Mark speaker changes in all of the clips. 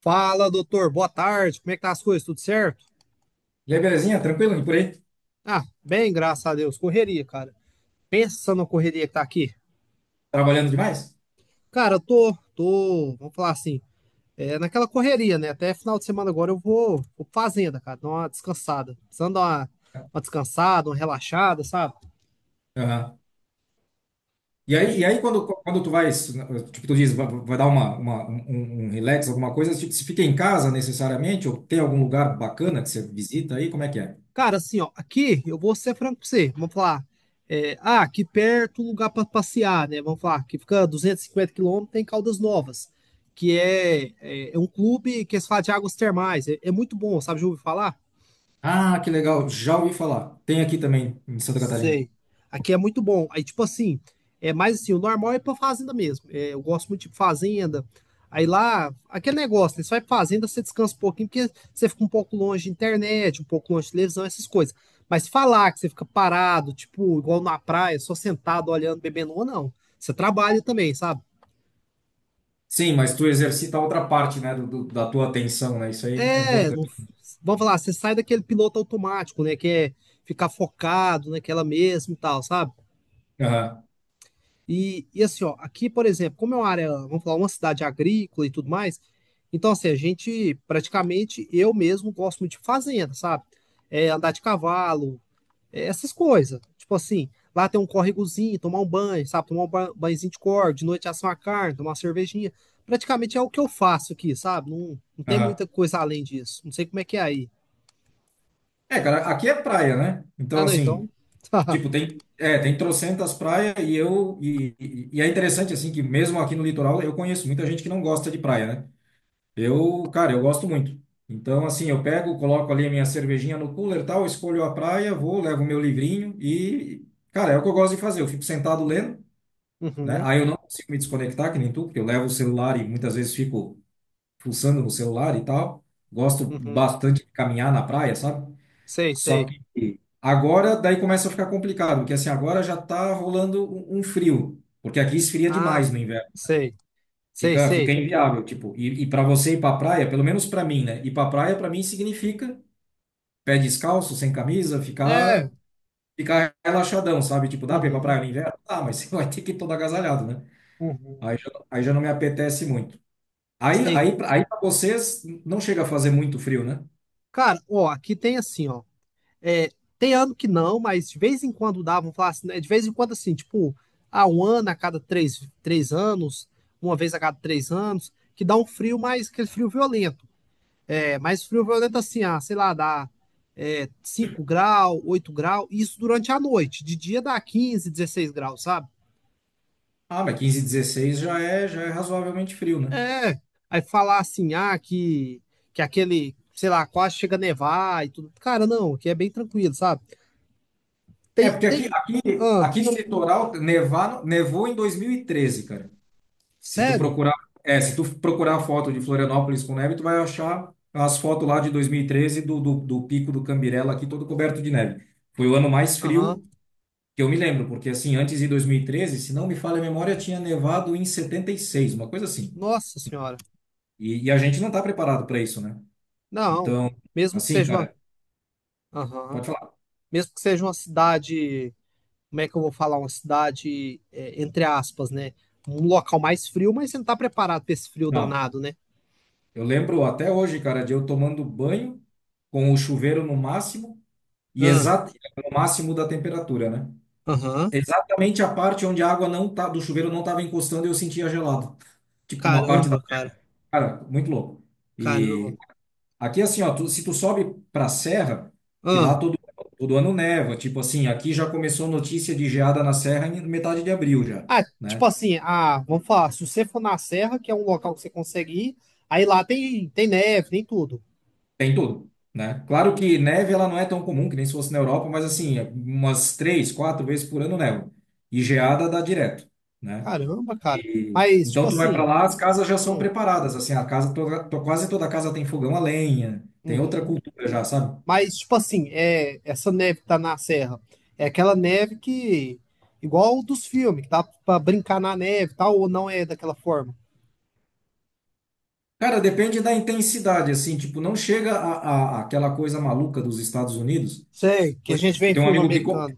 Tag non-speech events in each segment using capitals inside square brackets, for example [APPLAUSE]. Speaker 1: Fala, doutor. Boa tarde. Como é que tá as coisas? Tudo certo?
Speaker 2: E aí, belezinha? Tranquilo? E por aí?
Speaker 1: Ah, bem, graças a Deus. Correria, cara. Pensa na correria que tá aqui.
Speaker 2: Trabalhando demais?
Speaker 1: Cara, eu tô, vamos falar assim, é naquela correria, né? Até final de semana agora eu vou pra fazenda, cara, dar uma descansada. Precisando dar uma descansada, uma relaxada, sabe?
Speaker 2: Aham. E aí, e
Speaker 1: E,
Speaker 2: aí quando tu vai, tipo, tu diz, vai dar uma, um, um um relax, alguma coisa, tipo, se fica em casa necessariamente, ou tem algum lugar bacana que você visita aí, como é que é?
Speaker 1: cara, assim, ó, aqui eu vou ser franco pra você. Vamos falar. Aqui perto, lugar pra passear, né? Vamos falar, que fica 250 km, tem Caldas Novas, que é um clube que se fala de águas termais. É, é muito bom, sabe? Já ouviu falar?
Speaker 2: Ah, que legal, já ouvi falar. Tem aqui também, em Santa Catarina.
Speaker 1: Sei. Aqui é muito bom. Aí, tipo assim, é mais assim, o normal é pra fazenda mesmo. É, eu gosto muito de fazenda. Aí lá, aquele negócio, né? Você vai pra fazenda, você descansa um pouquinho, porque você fica um pouco longe de internet, um pouco longe de televisão, essas coisas. Mas falar que você fica parado, tipo, igual na praia, só sentado, olhando, bebendo, ou não. Você trabalha também, sabe?
Speaker 2: Sim, mas tu exercita outra parte, né, da tua atenção, né? Isso aí é
Speaker 1: É,
Speaker 2: importante.
Speaker 1: vamos falar, você sai daquele piloto automático, né? Que é ficar focado naquela mesmo e tal, sabe?
Speaker 2: Aham,
Speaker 1: E assim, ó, aqui, por exemplo, como é uma área, vamos falar, uma cidade agrícola e tudo mais, então, assim, a gente praticamente, eu mesmo gosto muito de fazenda, sabe? É, andar de cavalo, é, essas coisas. Tipo assim, lá tem um córregozinho, tomar um banho, sabe? Tomar um banhozinho de corda, de noite assar uma carne, tomar uma cervejinha. Praticamente é o que eu faço aqui, sabe? Não, não tem muita
Speaker 2: aham.
Speaker 1: coisa além disso. Não sei como é que é aí.
Speaker 2: É, cara, aqui é praia, né?
Speaker 1: Ah,
Speaker 2: Então,
Speaker 1: não,
Speaker 2: assim,
Speaker 1: então.
Speaker 2: tipo,
Speaker 1: [LAUGHS]
Speaker 2: tem trocentas praias e eu e é interessante assim que mesmo aqui no litoral eu conheço muita gente que não gosta de praia, né? Eu, cara, eu gosto muito. Então, assim, eu pego, coloco ali a minha cervejinha no cooler, e tal, escolho a praia, vou, levo o meu livrinho e, cara, é o que eu gosto de fazer. Eu fico sentado lendo, né?
Speaker 1: Uhum,
Speaker 2: Aí eu não consigo me desconectar que nem tu, porque eu levo o celular e muitas vezes fico fuçando no celular e tal. Gosto
Speaker 1: uhum.
Speaker 2: bastante de caminhar na praia, sabe?
Speaker 1: Sei,
Speaker 2: Só
Speaker 1: sei.
Speaker 2: que agora daí começa a ficar complicado, porque assim, agora já tá rolando um frio, porque aqui esfria
Speaker 1: Ah,
Speaker 2: demais no inverno.
Speaker 1: sei, sei,
Speaker 2: Fica
Speaker 1: sei.
Speaker 2: inviável, tipo, e para você ir para praia, pelo menos para mim, né? Ir para praia para mim significa pé descalço, sem camisa,
Speaker 1: É,
Speaker 2: ficar relaxadão, sabe? Tipo, dá para ir para
Speaker 1: uhum,
Speaker 2: praia no inverno? Ah, mas [LAUGHS] você vai ter que ir todo agasalhado, né?
Speaker 1: uhum.
Speaker 2: Aí já não me apetece muito. Aí
Speaker 1: Sei.
Speaker 2: aí aí para vocês não chega a fazer muito frio, né?
Speaker 1: Cara, ó, aqui tem assim, ó. É, tem ano que não, mas de vez em quando dá, vamos falar assim, né? De vez em quando, assim, tipo, há um ano a cada três anos, uma vez a cada 3 anos, que dá um frio mais, aquele frio violento. É, mas frio violento assim, ah, sei lá, dá é, 5 graus, 8 graus, isso durante a noite. De dia dá 15, 16 graus, sabe?
Speaker 2: Ah, mas 15 16 já é razoavelmente frio, né?
Speaker 1: É, aí falar assim, ah, que aquele, sei lá, quase chega a nevar e tudo. Cara, não, aqui é bem tranquilo, sabe?
Speaker 2: É,
Speaker 1: Tem,
Speaker 2: porque aqui,
Speaker 1: tem.
Speaker 2: aqui,
Speaker 1: Ah,
Speaker 2: aqui no litoral nevar, nevou em 2013, cara. Se tu
Speaker 1: sério?
Speaker 2: procurar, se tu procurar foto de Florianópolis com neve, tu vai achar as fotos lá de 2013 do Pico do Cambirela aqui todo coberto de neve. Foi o ano mais
Speaker 1: Aham.
Speaker 2: frio que eu me lembro, porque assim, antes de 2013, se não me falha a memória, tinha nevado em 76, uma coisa assim.
Speaker 1: Nossa senhora.
Speaker 2: E a gente não tá preparado para isso, né?
Speaker 1: Não,
Speaker 2: Então,
Speaker 1: mesmo que
Speaker 2: assim,
Speaker 1: seja uma.
Speaker 2: cara,
Speaker 1: Aham.
Speaker 2: pode falar.
Speaker 1: Mesmo que seja uma cidade. Como é que eu vou falar? Uma cidade, é, entre aspas, né? Um local mais frio, mas você não tá preparado pra esse frio
Speaker 2: Não,
Speaker 1: danado, né?
Speaker 2: eu lembro até hoje, cara, de eu tomando banho com o chuveiro no máximo. E
Speaker 1: Ah,
Speaker 2: exato, no máximo da temperatura, né?
Speaker 1: aham.
Speaker 2: Exatamente a parte onde a água não tá, do chuveiro não estava encostando e eu sentia gelado. Tipo, uma parte da.
Speaker 1: Caramba, cara.
Speaker 2: Cara, muito louco.
Speaker 1: Caramba.
Speaker 2: E aqui, assim, ó, se tu sobe pra serra, que lá todo ano neva, tipo assim, aqui já começou notícia de geada na serra em metade de abril já,
Speaker 1: Ah,
Speaker 2: né?
Speaker 1: tipo assim, ah, vamos falar, se você for na Serra, que é um local que você consegue ir, aí lá tem, tem neve, tem tudo.
Speaker 2: Tem tudo, né? Claro que neve ela não é tão comum, que nem se fosse na Europa, mas assim, umas três, quatro vezes por ano neva. E geada dá direto, né?
Speaker 1: Caramba, cara. Mas, tipo
Speaker 2: Então tu vai para
Speaker 1: assim,
Speaker 2: lá, as casas já são
Speaker 1: hum,
Speaker 2: preparadas, assim, a casa toda, quase toda casa tem fogão a lenha, tem outra
Speaker 1: uhum.
Speaker 2: cultura já, sabe?
Speaker 1: Mas, tipo assim, é, essa neve que tá na Serra, é aquela neve que, igual dos filmes, que dá pra brincar na neve e tal, ou não é daquela forma?
Speaker 2: Cara, depende da intensidade, assim, tipo, não chega a aquela coisa maluca dos Estados Unidos.
Speaker 1: Sei, que a
Speaker 2: Por
Speaker 1: gente
Speaker 2: exemplo,
Speaker 1: vê em filme americano.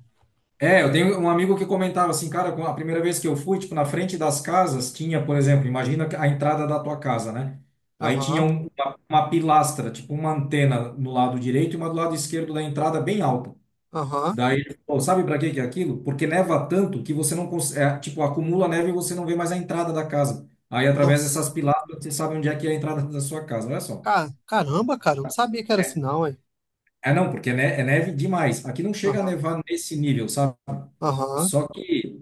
Speaker 2: eu tenho um amigo que comentava assim, cara, a primeira vez que eu fui, tipo, na frente das casas tinha, por exemplo, imagina a entrada da tua casa, né? Aí tinha
Speaker 1: Aham,
Speaker 2: uma pilastra, tipo uma antena no lado direito e uma do lado esquerdo da entrada bem alta.
Speaker 1: aham.
Speaker 2: Daí ele falou, sabe para que que é aquilo? Porque neva tanto que você não consegue, tipo, acumula neve e você não vê mais a entrada da casa. Aí, através
Speaker 1: Nossa,
Speaker 2: dessas pilastras, você sabe onde é que é a entrada da sua casa, olha só.
Speaker 1: Caramba, cara, eu não sabia que era
Speaker 2: É,
Speaker 1: assim, não, hein?
Speaker 2: é, não, porque é neve demais. Aqui não chega a
Speaker 1: Aham,
Speaker 2: nevar nesse nível, sabe?
Speaker 1: aham,
Speaker 2: Só que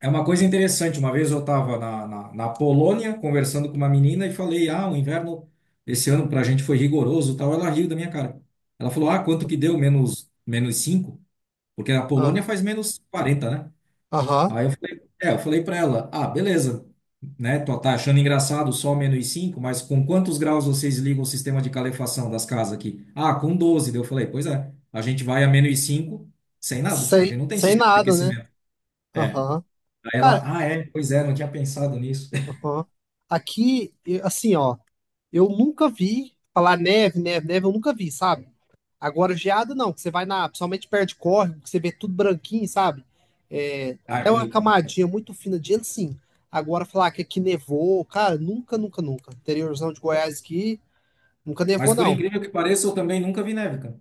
Speaker 2: é uma coisa interessante. Uma vez eu estava na Polônia conversando com uma menina e falei, ah, o inverno esse ano para a gente foi rigoroso, e tal. Ela riu da minha cara. Ela falou, ah, quanto que deu? Menos cinco. Porque a
Speaker 1: ah,
Speaker 2: Polônia faz -40, né?
Speaker 1: aham.
Speaker 2: Aí eu falei para ela, ah, beleza, né? Tá achando engraçado só menos 5, mas com quantos graus vocês ligam o sistema de calefação das casas aqui? Ah, com 12. Daí eu falei, pois é, a gente vai a menos 5 sem nada. A gente
Speaker 1: Sem,
Speaker 2: não tem
Speaker 1: sem
Speaker 2: sistema de
Speaker 1: nada, né?
Speaker 2: aquecimento. É.
Speaker 1: Aham.
Speaker 2: Aí ela,
Speaker 1: Cara,
Speaker 2: ah, é, pois é, não tinha pensado nisso. [LAUGHS]
Speaker 1: aham. Aqui, assim, ó, eu nunca vi falar neve, neve, neve, eu nunca vi, sabe? Agora, geada não, que você vai na, principalmente perto de córrego, que você vê tudo branquinho, sabe? É,
Speaker 2: Ah,
Speaker 1: é
Speaker 2: é
Speaker 1: uma
Speaker 2: bonito, né?
Speaker 1: camadinha muito fina de gelo, sim. Agora, falar que aqui nevou, cara, nunca, nunca, nunca. Interiorzão de Goiás aqui, nunca
Speaker 2: Mas
Speaker 1: nevou,
Speaker 2: por
Speaker 1: não.
Speaker 2: incrível que pareça, eu também nunca vi neve, cara.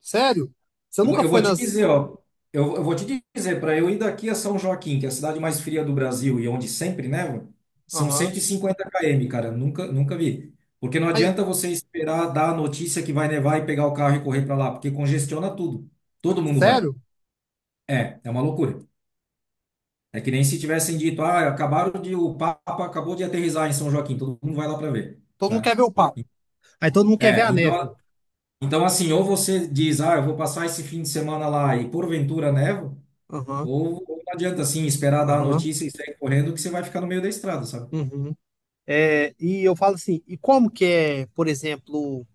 Speaker 1: Sério? Você
Speaker 2: Eu vou,
Speaker 1: nunca
Speaker 2: eu
Speaker 1: foi
Speaker 2: vou te dizer,
Speaker 1: nas.
Speaker 2: ó. Eu vou te dizer, para eu ir daqui a São Joaquim, que é a cidade mais fria do Brasil e onde sempre neva, são
Speaker 1: Aham.
Speaker 2: 150 km, cara. Nunca, nunca vi. Porque não
Speaker 1: Aí,
Speaker 2: adianta você esperar dar a notícia que vai nevar e pegar o carro e correr para lá, porque congestiona tudo. Todo mundo vai.
Speaker 1: sério?
Speaker 2: É uma loucura. É que nem se tivessem dito, ah, acabaram de, o Papa acabou de aterrissar em São Joaquim, todo mundo vai lá para ver,
Speaker 1: Todo mundo
Speaker 2: né?
Speaker 1: quer ver o pau. Aí todo mundo quer ver
Speaker 2: É,
Speaker 1: a neve.
Speaker 2: então assim, ou você diz, ah, eu vou passar esse fim de semana lá e porventura neva.
Speaker 1: Aham,
Speaker 2: Ou não adianta assim esperar dar a
Speaker 1: aham.
Speaker 2: notícia e sair correndo que você vai ficar no meio da estrada, sabe?
Speaker 1: Uhum. É, e eu falo assim, e como que é, por exemplo,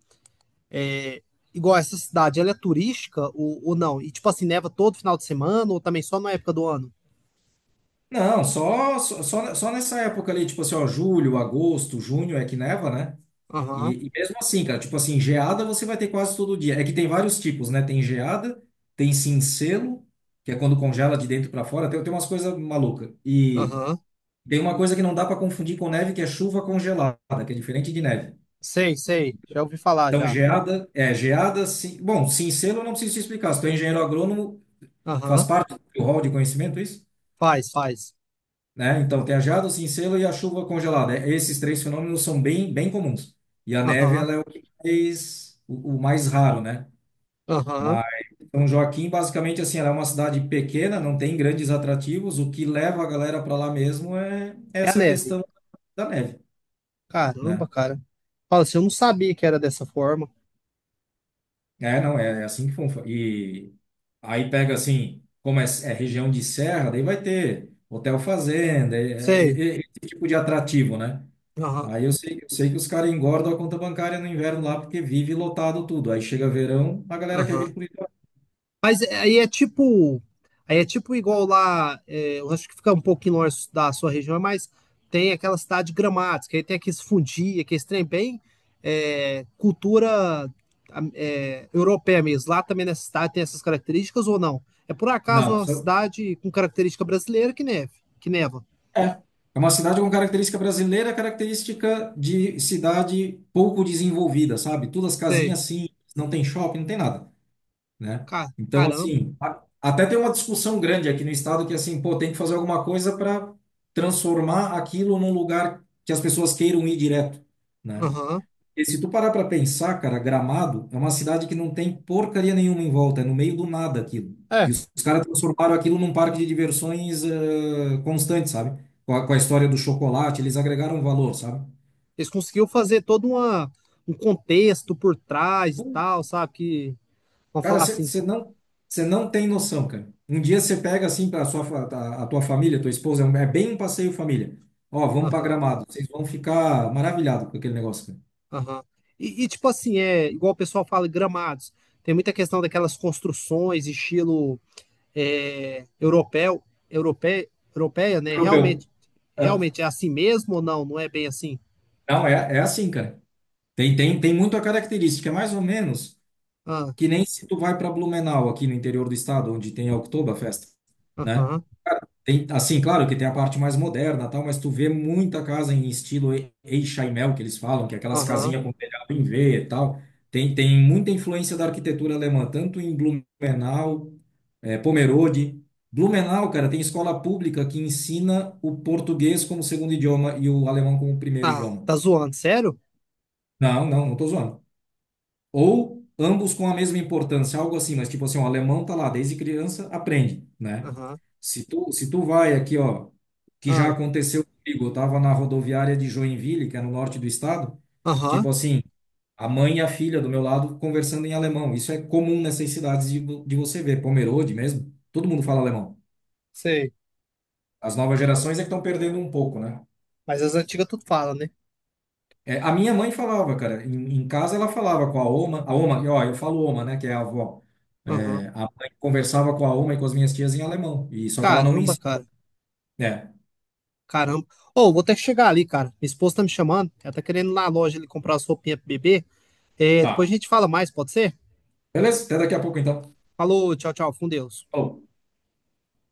Speaker 1: é igual essa cidade, ela é turística ou não? E tipo assim, neva todo final de semana ou também só na época do ano?
Speaker 2: Não, só nessa época ali, tipo assim, ó, julho, agosto, junho é que neva, né?
Speaker 1: Aham,
Speaker 2: E mesmo assim, cara, tipo assim, geada você vai ter quase todo dia. É que tem vários tipos, né? Tem geada, tem cincelo, que é quando congela de dentro para fora, tem umas coisas malucas. E
Speaker 1: aham.
Speaker 2: tem uma coisa que não dá para confundir com neve, que é chuva congelada, que é diferente de neve.
Speaker 1: Sei, sei. Já ouvi falar
Speaker 2: Então,
Speaker 1: já.
Speaker 2: geada, é, geada, sim, bom, cincelo eu não preciso te explicar. Se tu é engenheiro agrônomo, faz
Speaker 1: Aham.
Speaker 2: parte do rol de conhecimento isso?
Speaker 1: Faz, faz.
Speaker 2: Né? Então, tem a geada, o cincelo e a chuva congelada. É, esses três fenômenos são bem, bem comuns. E a neve,
Speaker 1: Aham,
Speaker 2: ela é o que mais, o mais raro, né?
Speaker 1: aham.
Speaker 2: Mas São Joaquim, basicamente, assim, ela é uma cidade pequena, não tem grandes atrativos. O que leva a galera para lá mesmo é
Speaker 1: É a
Speaker 2: essa
Speaker 1: neve.
Speaker 2: questão da neve,
Speaker 1: Caramba,
Speaker 2: né?
Speaker 1: cara. Fala assim, eu não sabia que era dessa forma.
Speaker 2: É, não, é assim que funfa. E aí pega, assim, como é, é região de serra, daí vai ter hotel fazenda,
Speaker 1: Sei.
Speaker 2: esse tipo de atrativo, né?
Speaker 1: Aham,
Speaker 2: Aí eu sei que os caras engordam a conta bancária no inverno lá porque vive lotado tudo. Aí chega verão, a galera quer vir
Speaker 1: aham.
Speaker 2: para o litoral.
Speaker 1: Mas é, aí é tipo igual lá, é, eu acho que fica um pouquinho longe da sua região, mas tem aquela cidade gramática, aí tem aqueles fundi, aqueles trem bem é, cultura é, europeia mesmo. Lá também nessa cidade tem essas características ou não? É por acaso
Speaker 2: Não,
Speaker 1: uma cidade com característica brasileira que neva.
Speaker 2: é. É uma cidade com característica brasileira, característica de cidade pouco desenvolvida, sabe? Todas as
Speaker 1: Sei.
Speaker 2: casinhas assim, não tem shopping, não tem nada, né? Então,
Speaker 1: Caramba.
Speaker 2: assim, até tem uma discussão grande aqui no estado que, assim, pô, tem que fazer alguma coisa para transformar aquilo num lugar que as pessoas queiram ir direto, né?
Speaker 1: Aham.
Speaker 2: E se tu parar pra pensar, cara, Gramado é uma cidade que não tem porcaria nenhuma em volta, é no meio do nada aquilo. E
Speaker 1: É.
Speaker 2: os caras transformaram aquilo num parque de diversões constante, sabe? Com a história do chocolate, eles agregaram valor, sabe?
Speaker 1: Eles conseguiram fazer todo uma, um contexto por trás e tal, sabe? Que, vamos
Speaker 2: Cara,
Speaker 1: falar assim.
Speaker 2: você não tem noção, cara. Um dia você pega assim para sua a tua família, tua esposa, é bem um passeio família. Ó, vamos para
Speaker 1: Aham.
Speaker 2: Gramado, vocês vão ficar maravilhados com aquele negócio,
Speaker 1: Aham. E, tipo assim, é igual o pessoal fala, gramados. Tem muita questão daquelas construções, estilo é, europeu, europeia, né?
Speaker 2: cara. Europeu.
Speaker 1: Realmente,
Speaker 2: Ah,
Speaker 1: realmente é assim mesmo ou não? Não é bem assim?
Speaker 2: não, é assim, cara. Tem muita característica, é mais ou menos.
Speaker 1: Ah,
Speaker 2: Que nem se tu vai para Blumenau, aqui no interior do estado, onde tem a Oktoberfest, né?
Speaker 1: aham,
Speaker 2: Tem, assim, claro que tem a parte mais moderna, tal, mas tu vê muita casa em estilo Eichheimel, que eles falam, que é aquelas
Speaker 1: aham.
Speaker 2: casinhas com telhado em V e tal. Tem muita influência da arquitetura alemã, tanto em Blumenau, Pomerode. Blumenau, cara, tem escola pública que ensina o português como segundo idioma e o alemão como primeiro
Speaker 1: Ah,
Speaker 2: idioma.
Speaker 1: tá zoando, sério?
Speaker 2: Não, não, não tô zoando. Ou ambos com a mesma importância, algo assim, mas tipo assim, o alemão tá lá desde criança, aprende, né?
Speaker 1: Aham,
Speaker 2: Se tu vai aqui, ó, que já
Speaker 1: ah,
Speaker 2: aconteceu comigo, eu tava na rodoviária de Joinville, que é no norte do estado,
Speaker 1: aham,
Speaker 2: tipo assim, a mãe e a filha do meu lado conversando em alemão. Isso é comum nessas cidades de você ver, Pomerode mesmo, todo mundo fala alemão.
Speaker 1: sei.
Speaker 2: As novas gerações é que estão perdendo um pouco, né?
Speaker 1: Mas as antigas tudo fala, né?
Speaker 2: É, a minha mãe falava, cara, em casa ela falava com a Oma, e, ó, eu falo Oma, né, que é a avó. É,
Speaker 1: Aham.
Speaker 2: a mãe conversava com a Oma e com as minhas tias em alemão, e só que ela não me
Speaker 1: Caramba,
Speaker 2: ensinou.
Speaker 1: cara.
Speaker 2: É,
Speaker 1: Caramba. Ô, vou ter que chegar ali, cara. Minha esposa tá me chamando. Ela tá querendo ir lá na loja ali comprar as roupinhas pro bebê. É, depois
Speaker 2: tá.
Speaker 1: a gente fala mais, pode ser?
Speaker 2: Beleza? Até daqui a pouco então.
Speaker 1: Falou, tchau, tchau, com Deus.
Speaker 2: Falou.